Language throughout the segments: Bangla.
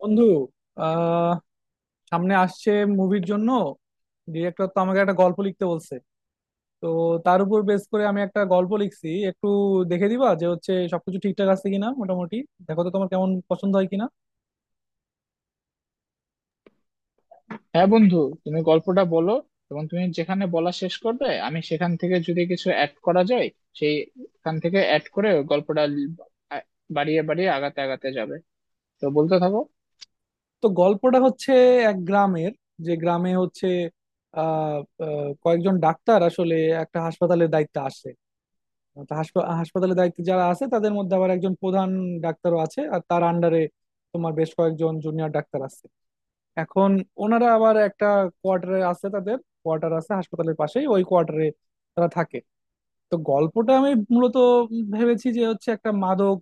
বন্ধু, আহ সামনে আসছে মুভির জন্য। ডিরেক্টর তো আমাকে একটা গল্প লিখতে বলছে, তো তার উপর বেস করে আমি একটা গল্প লিখছি। একটু দেখে দিবা যে হচ্ছে সবকিছু ঠিকঠাক আছে কিনা, মোটামুটি দেখো তো তোমার কেমন পছন্দ হয় কিনা। হ্যাঁ বন্ধু, তুমি গল্পটা বলো, এবং তুমি যেখানে বলা শেষ করবে আমি সেখান থেকে যদি কিছু অ্যাড করা যায়, সেইখান থেকে অ্যাড করে গল্পটা আ- বাড়িয়ে বাড়িয়ে আগাতে আগাতে যাবে। তো বলতে থাকো। তো গল্পটা হচ্ছে এক গ্রামের, যে গ্রামে হচ্ছে আহ আহ, কয়েকজন ডাক্তার আসলে একটা হাসপাতালের দায়িত্বে আসে। তো হাসপাতালের দায়িত্বে যারা আছে তাদের মধ্যে আবার একজন প্রধান ডাক্তারও আছে, আর তার আন্ডারে তোমার বেশ কয়েকজন জুনিয়র ডাক্তার আছে। এখন ওনারা আবার একটা কোয়ার্টারে আছে, তাদের কোয়ার্টার আছে হাসপাতালের পাশেই, ওই কোয়ার্টারে তারা থাকে। তো গল্পটা আমি মূলত ভেবেছি যে হচ্ছে একটা মাদক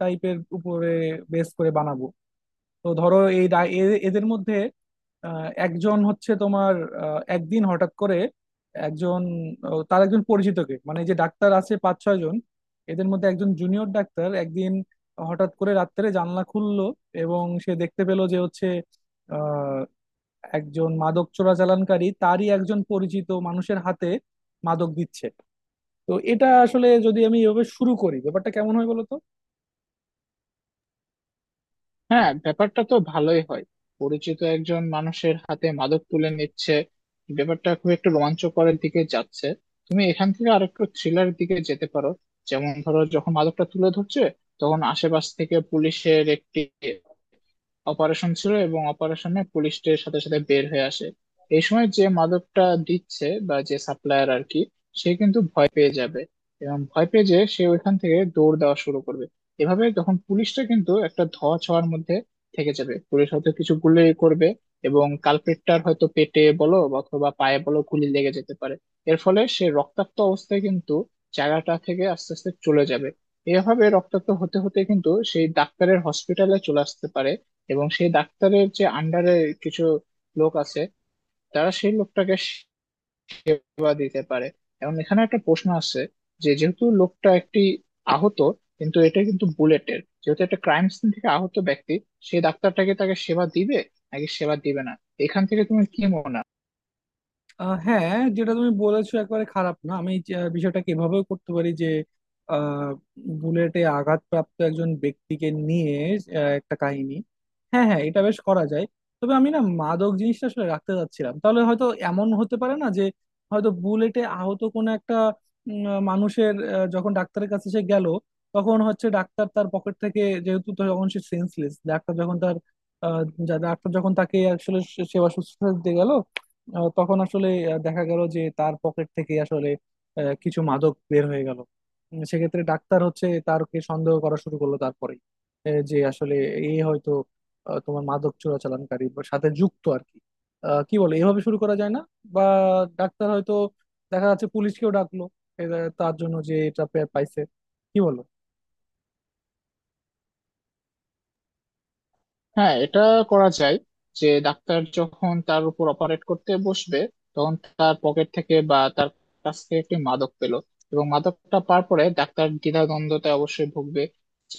টাইপের উপরে বেস করে বানাবো। তো ধরো এই এদের মধ্যে একজন হচ্ছে তোমার, একদিন হঠাৎ করে একজন, তার একজন পরিচিতকে, মানে যে ডাক্তার আছে পাঁচ ছয় জন এদের মধ্যে একজন জুনিয়র ডাক্তার একদিন হঠাৎ করে রাত্রে জানলা খুললো, এবং সে দেখতে পেলো যে হচ্ছে একজন মাদক চোরাচালানকারী তারই একজন পরিচিত মানুষের হাতে মাদক দিচ্ছে। তো এটা আসলে যদি আমি এভাবে শুরু করি ব্যাপারটা কেমন হয় বলতো? হ্যাঁ, ব্যাপারটা তো ভালোই হয়। পরিচিত একজন মানুষের হাতে মাদক তুলে নিচ্ছে, ব্যাপারটা খুব একটু রোমাঞ্চকরের দিকে যাচ্ছে। তুমি এখান থেকে আর একটু থ্রিলার দিকে যেতে পারো। যেমন ধরো, যখন মাদকটা তুলে ধরছে, তখন আশেপাশ থেকে পুলিশের একটি অপারেশন ছিল এবং অপারেশনে পুলিশদের সাথে সাথে বের হয়ে আসে। এই সময় যে মাদকটা দিচ্ছে বা যে সাপ্লায়ার আর কি, সে কিন্তু ভয় পেয়ে যাবে, এবং ভয় পেয়ে যে সে ওইখান থেকে দৌড় দেওয়া শুরু করবে। এভাবে তখন পুলিশটা কিন্তু একটা ধোঁয়া ছোঁয়ার মধ্যে থেকে যাবে, পুলিশ হয়তো কিছু গুলি করবে, এবং কালপেটটার হয়তো পেটে বলো বা অথবা পায়ে বলো গুলি লেগে যেতে পারে। এর ফলে সে রক্তাক্ত অবস্থায় কিন্তু জায়গাটা থেকে আস্তে আস্তে চলে যাবে। এভাবে রক্তাক্ত হতে হতে কিন্তু সেই ডাক্তারের হসপিটালে চলে আসতে পারে। এবং সেই ডাক্তারের যে আন্ডারে কিছু লোক আছে, তারা সেই লোকটাকে সেবা দিতে পারে। এবং এখানে একটা প্রশ্ন আছে, যে যেহেতু লোকটা একটি আহত, কিন্তু এটা কিন্তু বুলেটের যেহেতু একটা ক্রাইম সিন থেকে আহত ব্যক্তি, সেই ডাক্তারটাকে তাকে সেবা দিবে নাকি সেবা দিবে না? এখান থেকে তুমি কি মনে হয়? হ্যাঁ, যেটা তুমি বলেছো একেবারে খারাপ না। আমি বিষয়টাকে এভাবেও করতে পারি যে আহ, বুলেটে আঘাতপ্রাপ্ত একজন ব্যক্তিকে নিয়ে একটা কাহিনী। হ্যাঁ হ্যাঁ, এটা বেশ করা যায়। তবে আমি না, মাদক জিনিসটা আসলে রাখতে চাচ্ছিলাম, তাহলে হয়তো এমন হতে পারে না যে হয়তো বুলেটে আহত কোনো একটা মানুষের, যখন ডাক্তারের কাছে সে গেল, তখন হচ্ছে ডাক্তার তার পকেট থেকে, যেহেতু তখন সে সেন্সলেস, ডাক্তার যখন তার আহ, ডাক্তার যখন তাকে আসলে সেবা শুশ্রূষা দিতে গেল, তখন আসলে দেখা গেল যে তার পকেট থেকে আসলে কিছু মাদক বের হয়ে গেল। সেক্ষেত্রে ডাক্তার হচ্ছে তারকে সন্দেহ করা শুরু করলো, তারপরে যে আসলে এ হয়তো তোমার মাদক চোরাচালানকারী বা সাথে যুক্ত আর কি, কি বলে এভাবে শুরু করা যায় না? বা ডাক্তার হয়তো, দেখা যাচ্ছে পুলিশকেও ডাকলো এরা তার জন্য, যে এটা পাইছে, কি বলো? হ্যাঁ, এটা করা যায়। যে ডাক্তার যখন তার উপর অপারেট করতে বসবে, তখন তার পকেট থেকে বা তার কাছ থেকে একটি মাদক পেল। এবং মাদকটা পাওয়ার পরে ডাক্তার দ্বিধাদ্বন্দ্বতে অবশ্যই ভুগবে,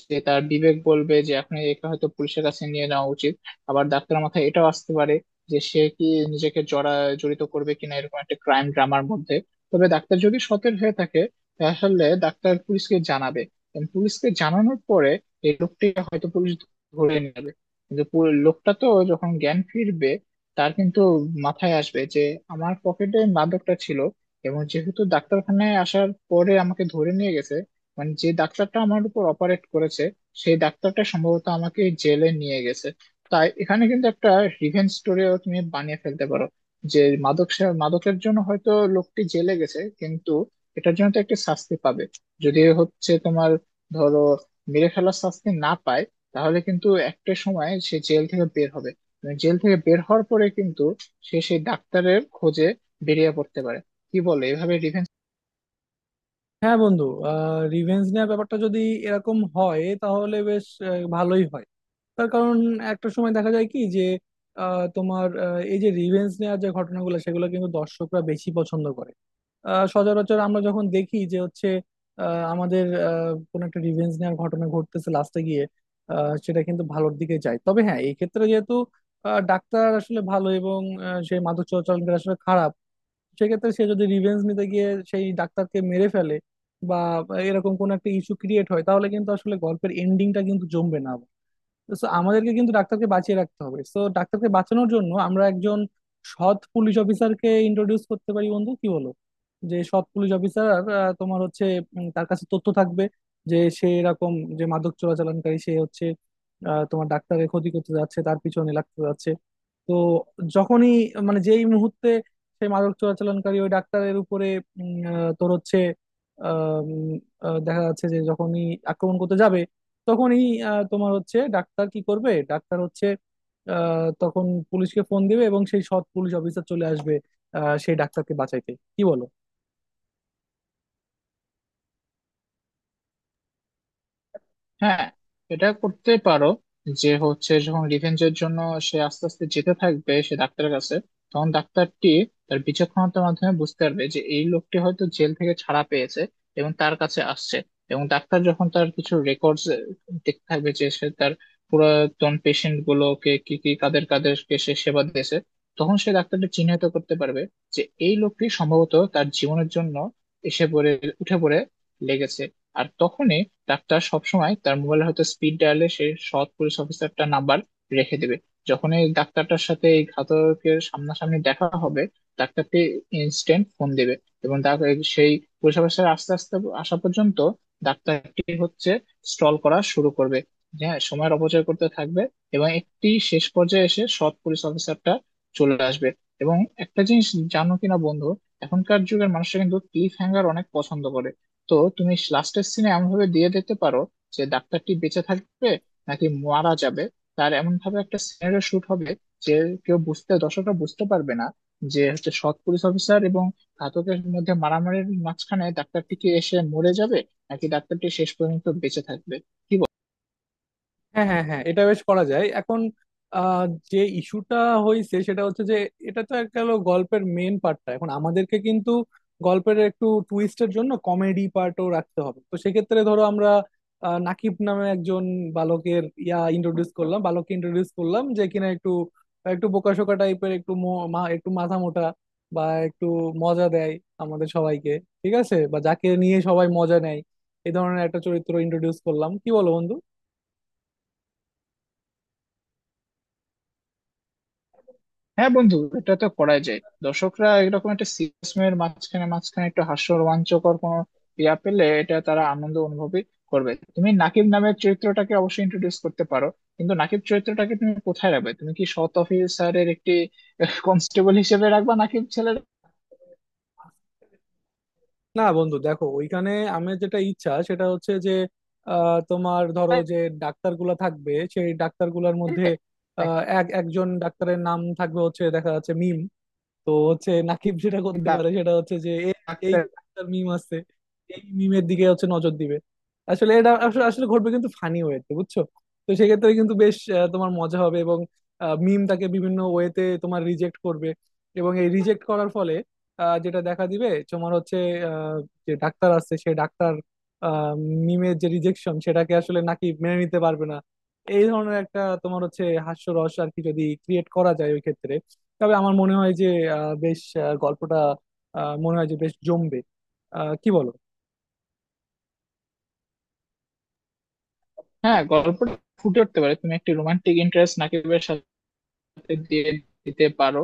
যে তার বিবেক বলবে যে এখন এটা হয়তো পুলিশের কাছে নিয়ে নেওয়া উচিত। আবার ডাক্তারের মাথায় এটাও আসতে পারে যে সে কি নিজেকে জড়িত করবে কিনা এরকম একটা ক্রাইম ড্রামার মধ্যে। তবে ডাক্তার যদি সতের হয়ে থাকে, তাহলে ডাক্তার পুলিশকে জানাবে। এবং পুলিশকে জানানোর পরে এই লোকটি হয়তো পুলিশ ধরে নিল। কিন্তু পুরো লোকটা তো যখন জ্ঞান ফিরবে, তার কিন্তু মাথায় আসবে যে আমার পকেটে মাদকটা ছিল, এবং যেহেতু ডাক্তারখানায় আসার পরে আমাকে ধরে নিয়ে গেছে, মানে যে ডাক্তারটা আমার উপর অপারেট করেছে সেই ডাক্তারটা সম্ভবত আমাকে জেলে নিয়ে গেছে। তাই এখানে কিন্তু একটা রিভেঞ্জ স্টোরিও তুমি বানিয়ে ফেলতে পারো। যে মাদক মাদকের জন্য হয়তো লোকটি জেলে গেছে, কিন্তু এটার জন্য তো একটা শাস্তি পাবে। যদি হচ্ছে তোমার ধরো মেরে ফেলার শাস্তি না পায়, তাহলে কিন্তু একটা সময় সে জেল থেকে বের হবে। মানে জেল থেকে বের হওয়ার পরে কিন্তু সে সেই ডাক্তারের খোঁজে বেরিয়ে পড়তে পারে। কি বলে এভাবে রিভেঞ্জ। হ্যাঁ বন্ধু, রিভেঞ্জ নেওয়ার ব্যাপারটা যদি এরকম হয় তাহলে বেশ ভালোই হয়। তার কারণ, একটা সময় দেখা যায় কি যে এই যে রিভেঞ্জ নেওয়ার যে ঘটনাগুলো, সেগুলো কিন্তু দর্শকরা বেশি পছন্দ করে। সচরাচর আমরা যখন দেখি যে হচ্ছে আহ, আমাদের কোন একটা রিভেঞ্জ নেওয়ার ঘটনা ঘটতেছে লাস্টে গিয়ে, সেটা কিন্তু ভালোর দিকে যায়। তবে হ্যাঁ, এই ক্ষেত্রে যেহেতু ডাক্তার আসলে ভালো এবং সেই মাদক চোরাচালানকারী আসলে খারাপ, সেক্ষেত্রে সে যদি রিভেঞ্জ নিতে গিয়ে সেই ডাক্তারকে মেরে ফেলে বা এরকম কোন একটা ইস্যু ক্রিয়েট হয়, তাহলে কিন্তু আসলে গল্পের এন্ডিংটা কিন্তু জমবে না। তো আমাদেরকে কিন্তু ডাক্তারকে বাঁচিয়ে রাখতে হবে। তো ডাক্তারকে বাঁচানোর জন্য আমরা একজন সৎ পুলিশ অফিসারকে ইন্ট্রোডিউস করতে পারি বন্ধু, কি বলো? যে সৎ পুলিশ অফিসার তোমার হচ্ছে, তার কাছে তথ্য থাকবে যে সে এরকম, যে মাদক চোরাচালানকারী সে হচ্ছে তোমার ডাক্তারের ক্ষতি করতে যাচ্ছে, তার পিছনে লাগতে যাচ্ছে। তো যখনই, মানে যেই মুহূর্তে সেই মাদক চোরাচালানকারী ওই ডাক্তারের উপরে তোর হচ্ছে, আহ, উম, দেখা যাচ্ছে যে যখনই আক্রমণ করতে যাবে, তখনই তোমার হচ্ছে ডাক্তার কি করবে, ডাক্তার হচ্ছে তখন পুলিশকে ফোন দিবে এবং সেই সৎ পুলিশ অফিসার চলে আসবে সেই ডাক্তারকে বাঁচাইতে, কি বলো? হ্যাঁ, এটা করতে পারো। যে হচ্ছে যখন রিভেঞ্জের জন্য সে আস্তে আস্তে যেতে থাকবে, সে ডাক্তারের কাছে, তখন ডাক্তারটি তার বিচক্ষণতার মাধ্যমে বুঝতে পারবে যে এই লোকটি হয়তো জেল থেকে ছাড়া পেয়েছে এবং তার কাছে আসছে। এবং ডাক্তার যখন তার কিছু রেকর্ডস দেখতে থাকবে, যে সে তার পুরাতন পেশেন্ট গুলোকে কি কি কাদের কাদেরকে সে সেবা দিয়েছে, তখন সে ডাক্তারটা চিহ্নিত করতে পারবে যে এই লোকটি সম্ভবত তার জীবনের জন্য এসে পড়ে উঠে পড়ে লেগেছে। আর তখনই ডাক্তার সবসময় তার মোবাইলে হয়তো স্পিড ডায়ালে সে সৎ পুলিশ অফিসারটার নাম্বার রেখে দেবে। যখন এই ডাক্তারটার সাথে এই ঘাতকের সামনাসামনি দেখা হবে, ডাক্তারটি ইনস্ট্যান্ট ফোন দেবে, এবং তাকে সেই পুলিশ অফিসার আস্তে আস্তে আসা পর্যন্ত ডাক্তারটি হচ্ছে স্টল করা শুরু করবে, যে হ্যাঁ, সময়ের অপচয় করতে থাকবে। এবং একটি শেষ পর্যায়ে এসে সৎ পুলিশ অফিসারটা চলে আসবে। এবং একটা জিনিস জানো কিনা বন্ধু, এখনকার যুগের মানুষরা কিন্তু ক্লিফ হ্যাঙ্গার অনেক পছন্দ করে। তো তুমি লাস্টের সিনে এমন ভাবে দিয়ে দিতে পারো যে ডাক্তারটি বেঁচে থাকবে নাকি মারা যাবে, তার এমন ভাবে একটা সিনারিও শুট হবে যে কেউ বুঝতে দর্শকরা বুঝতে পারবে না যে হচ্ছে সৎ পুলিশ অফিসার এবং ঘাতকের মধ্যে মারামারির মাঝখানে ডাক্তারটি কি এসে মরে যাবে নাকি ডাক্তারটি শেষ পর্যন্ত বেঁচে থাকবে। কি। হ্যাঁ হ্যাঁ হ্যাঁ, এটা বেশ করা যায়। এখন আহ, যে ইস্যুটা হয়েছে সেটা হচ্ছে যে, এটা তো একটা হলো গল্পের মেন পার্টটা, এখন আমাদেরকে কিন্তু গল্পের একটু টুইস্টের জন্য কমেডি পার্টও রাখতে হবে। তো সেক্ষেত্রে ধরো আমরা নাকিব নামে একজন বালকের ইয়া ইন্ট্রোডিউস করলাম, বালককে ইন্ট্রোডিউস করলাম, যে কিনা একটু একটু বোকাশোকা টাইপের, একটু একটু মাথা মোটা, বা একটু মজা দেয় আমাদের সবাইকে, ঠিক আছে? বা যাকে নিয়ে সবাই মজা নেয়। এই ধরনের একটা চরিত্র ইন্ট্রোডিউস করলাম, কি বলো বন্ধু? হ্যাঁ বন্ধু, এটা তো করাই যায়। দর্শকরা এরকম একটা সিরিয়াস মুভের মাঝখানে মাঝখানে একটু হাস্য রোমাঞ্চকর কোনো ইয়া পেলে এটা তারা আনন্দ অনুভবই করবে। তুমি নাকিব নামের চরিত্রটাকে অবশ্যই ইন্ট্রোডিউস করতে পারো। কিন্তু নাকিব চরিত্রটাকে তুমি কোথায় রাখবে? তুমি কি সৎ অফিসারের একটি কনস্টেবল হিসেবে রাখবা নাকিব ছেলের, না বন্ধু, দেখো, ওইখানে আমার যেটা ইচ্ছা সেটা হচ্ছে যে তোমার ধরো যে ডাক্তারগুলা থাকবে, সেই ডাক্তারগুলার মধ্যে নাকি এক একজন ডাক্তারের নাম থাকবে হচ্ছে দেখা যাচ্ছে মিম। তো হচ্ছে নাকিব যেটা করতে পারে সেটা হচ্ছে যে এই ডাক্তার? যে ডাক্তার মিম আছে, এই মিমের দিকে হচ্ছে নজর দিবে। আসলে এটা আসলে আসলে ঘটবে কিন্তু ফানি ওয়েতে, বুঝছো? তো সেক্ষেত্রে কিন্তু বেশ তোমার মজা হবে, এবং মিম তাকে বিভিন্ন ওয়েতে তোমার রিজেক্ট করবে। এবং এই রিজেক্ট করার ফলে যেটা দেখা দিবে তোমার হচ্ছে আহ, যে ডাক্তার আছে সে ডাক্তার আহ, মিমের যে রিজেকশন সেটাকে আসলে নাকি মেনে নিতে পারবে না। এই ধরনের একটা তোমার হচ্ছে হাস্যরস আর কি যদি ক্রিয়েট করা যায় ওই ক্ষেত্রে, তবে আমার মনে হয় যে বেশ গল্পটা মনে হয় যে বেশ জমবে। কি বলো? হ্যাঁ, গল্পটা ফুটে উঠতে পারে। তুমি একটি রোমান্টিক ইন্টারেস্ট নাকিবের সাথে হাতে দিয়ে দিতে পারো।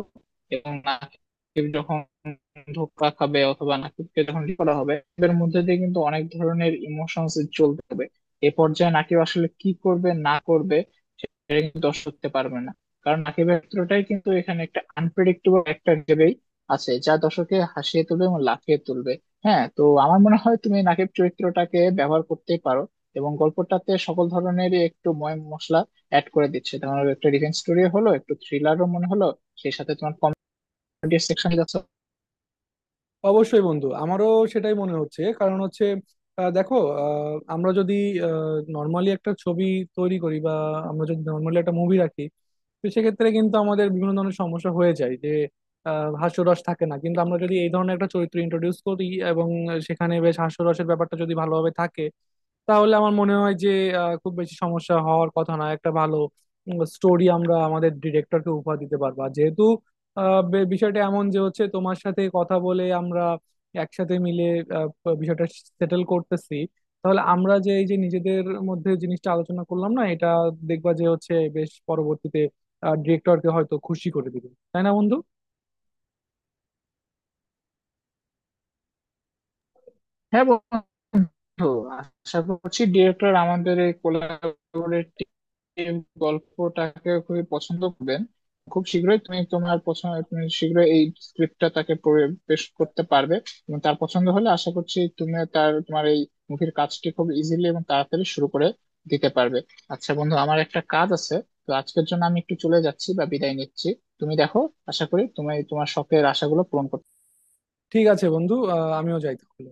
এবং নাকিব যখন ধোকা খাবে অথবা নাকিবকে যখন ঠিক করা হবে, এর মধ্যে দিয়ে কিন্তু অনেক ধরনের ইমোশনস চলতে হবে। এ পর্যায়ে নাকিব আসলে কি করবে না করবে সেটা কিন্তু দর্শক করতে পারবে না, কারণ নাকিবের ক্ষেত্রটাই কিন্তু এখানে একটা আনপ্রেডিক্টেবল একটা হিসেবেই আছে, যা দর্শককে হাসিয়ে তুলবে এবং লাফিয়ে তুলবে। হ্যাঁ, তো আমার মনে হয় তুমি নাকিব চরিত্রটাকে ব্যবহার করতেই পারো, এবং গল্পটাতে সকল ধরনেরই একটু ময় মশলা অ্যাড করে দিচ্ছে। তোমার একটা ডিফেন্স স্টোরি হলো, একটু থ্রিলারও মনে হলো, সেই সাথে তোমার কমেডি সেকশন যাচ্ছে। অবশ্যই বন্ধু, আমারও সেটাই মনে হচ্ছে। কারণ হচ্ছে দেখো, আমরা যদি নর্মালি একটা ছবি তৈরি করি, বা আমরা যদি নর্মালি একটা মুভি রাখি, তো সেক্ষেত্রে কিন্তু আমাদের বিভিন্ন ধরনের সমস্যা হয়ে যায় যে হাস্যরস থাকে না। কিন্তু আমরা যদি এই ধরনের একটা চরিত্র ইন্ট্রোডিউস করি, এবং সেখানে বেশ হাস্যরসের ব্যাপারটা যদি ভালোভাবে থাকে, তাহলে আমার মনে হয় যে খুব বেশি সমস্যা হওয়ার কথা না। একটা ভালো স্টোরি আমরা আমাদের ডিরেক্টরকে উপহার দিতে পারবা, যেহেতু বিষয়টা এমন যে হচ্ছে তোমার সাথে কথা বলে আমরা একসাথে মিলে বিষয়টা সেটেল করতেছি। তাহলে আমরা যে এই যে নিজেদের মধ্যে জিনিসটা আলোচনা করলাম না, এটা দেখবা যে হচ্ছে বেশ পরবর্তীতে ডিরেক্টরকে হয়তো খুশি করে দিবে, তাই না বন্ধু? হ্যাঁ বন্ধু, আশা করছি ডিরেক্টর আমাদের এই এই গল্পটাকে খুবই পছন্দ করবেন। খুব শীঘ্রই তুমি তোমার পছন্দ তুমি শীঘ্রই এই স্ক্রিপ্টটা তাকে পেশ করতে পারবে, এবং তার পছন্দ হলে আশা করছি তুমি তার তোমার এই মুভির কাজটি খুব ইজিলি এবং তাড়াতাড়ি শুরু করে দিতে পারবে। আচ্ছা বন্ধু, আমার একটা কাজ আছে, তো আজকের জন্য আমি একটু চলে যাচ্ছি বা বিদায় নিচ্ছি। তুমি দেখো, আশা করি তুমি তোমার শখের আশাগুলো পূরণ করতে ঠিক আছে বন্ধু, আমিও যাই তাহলে।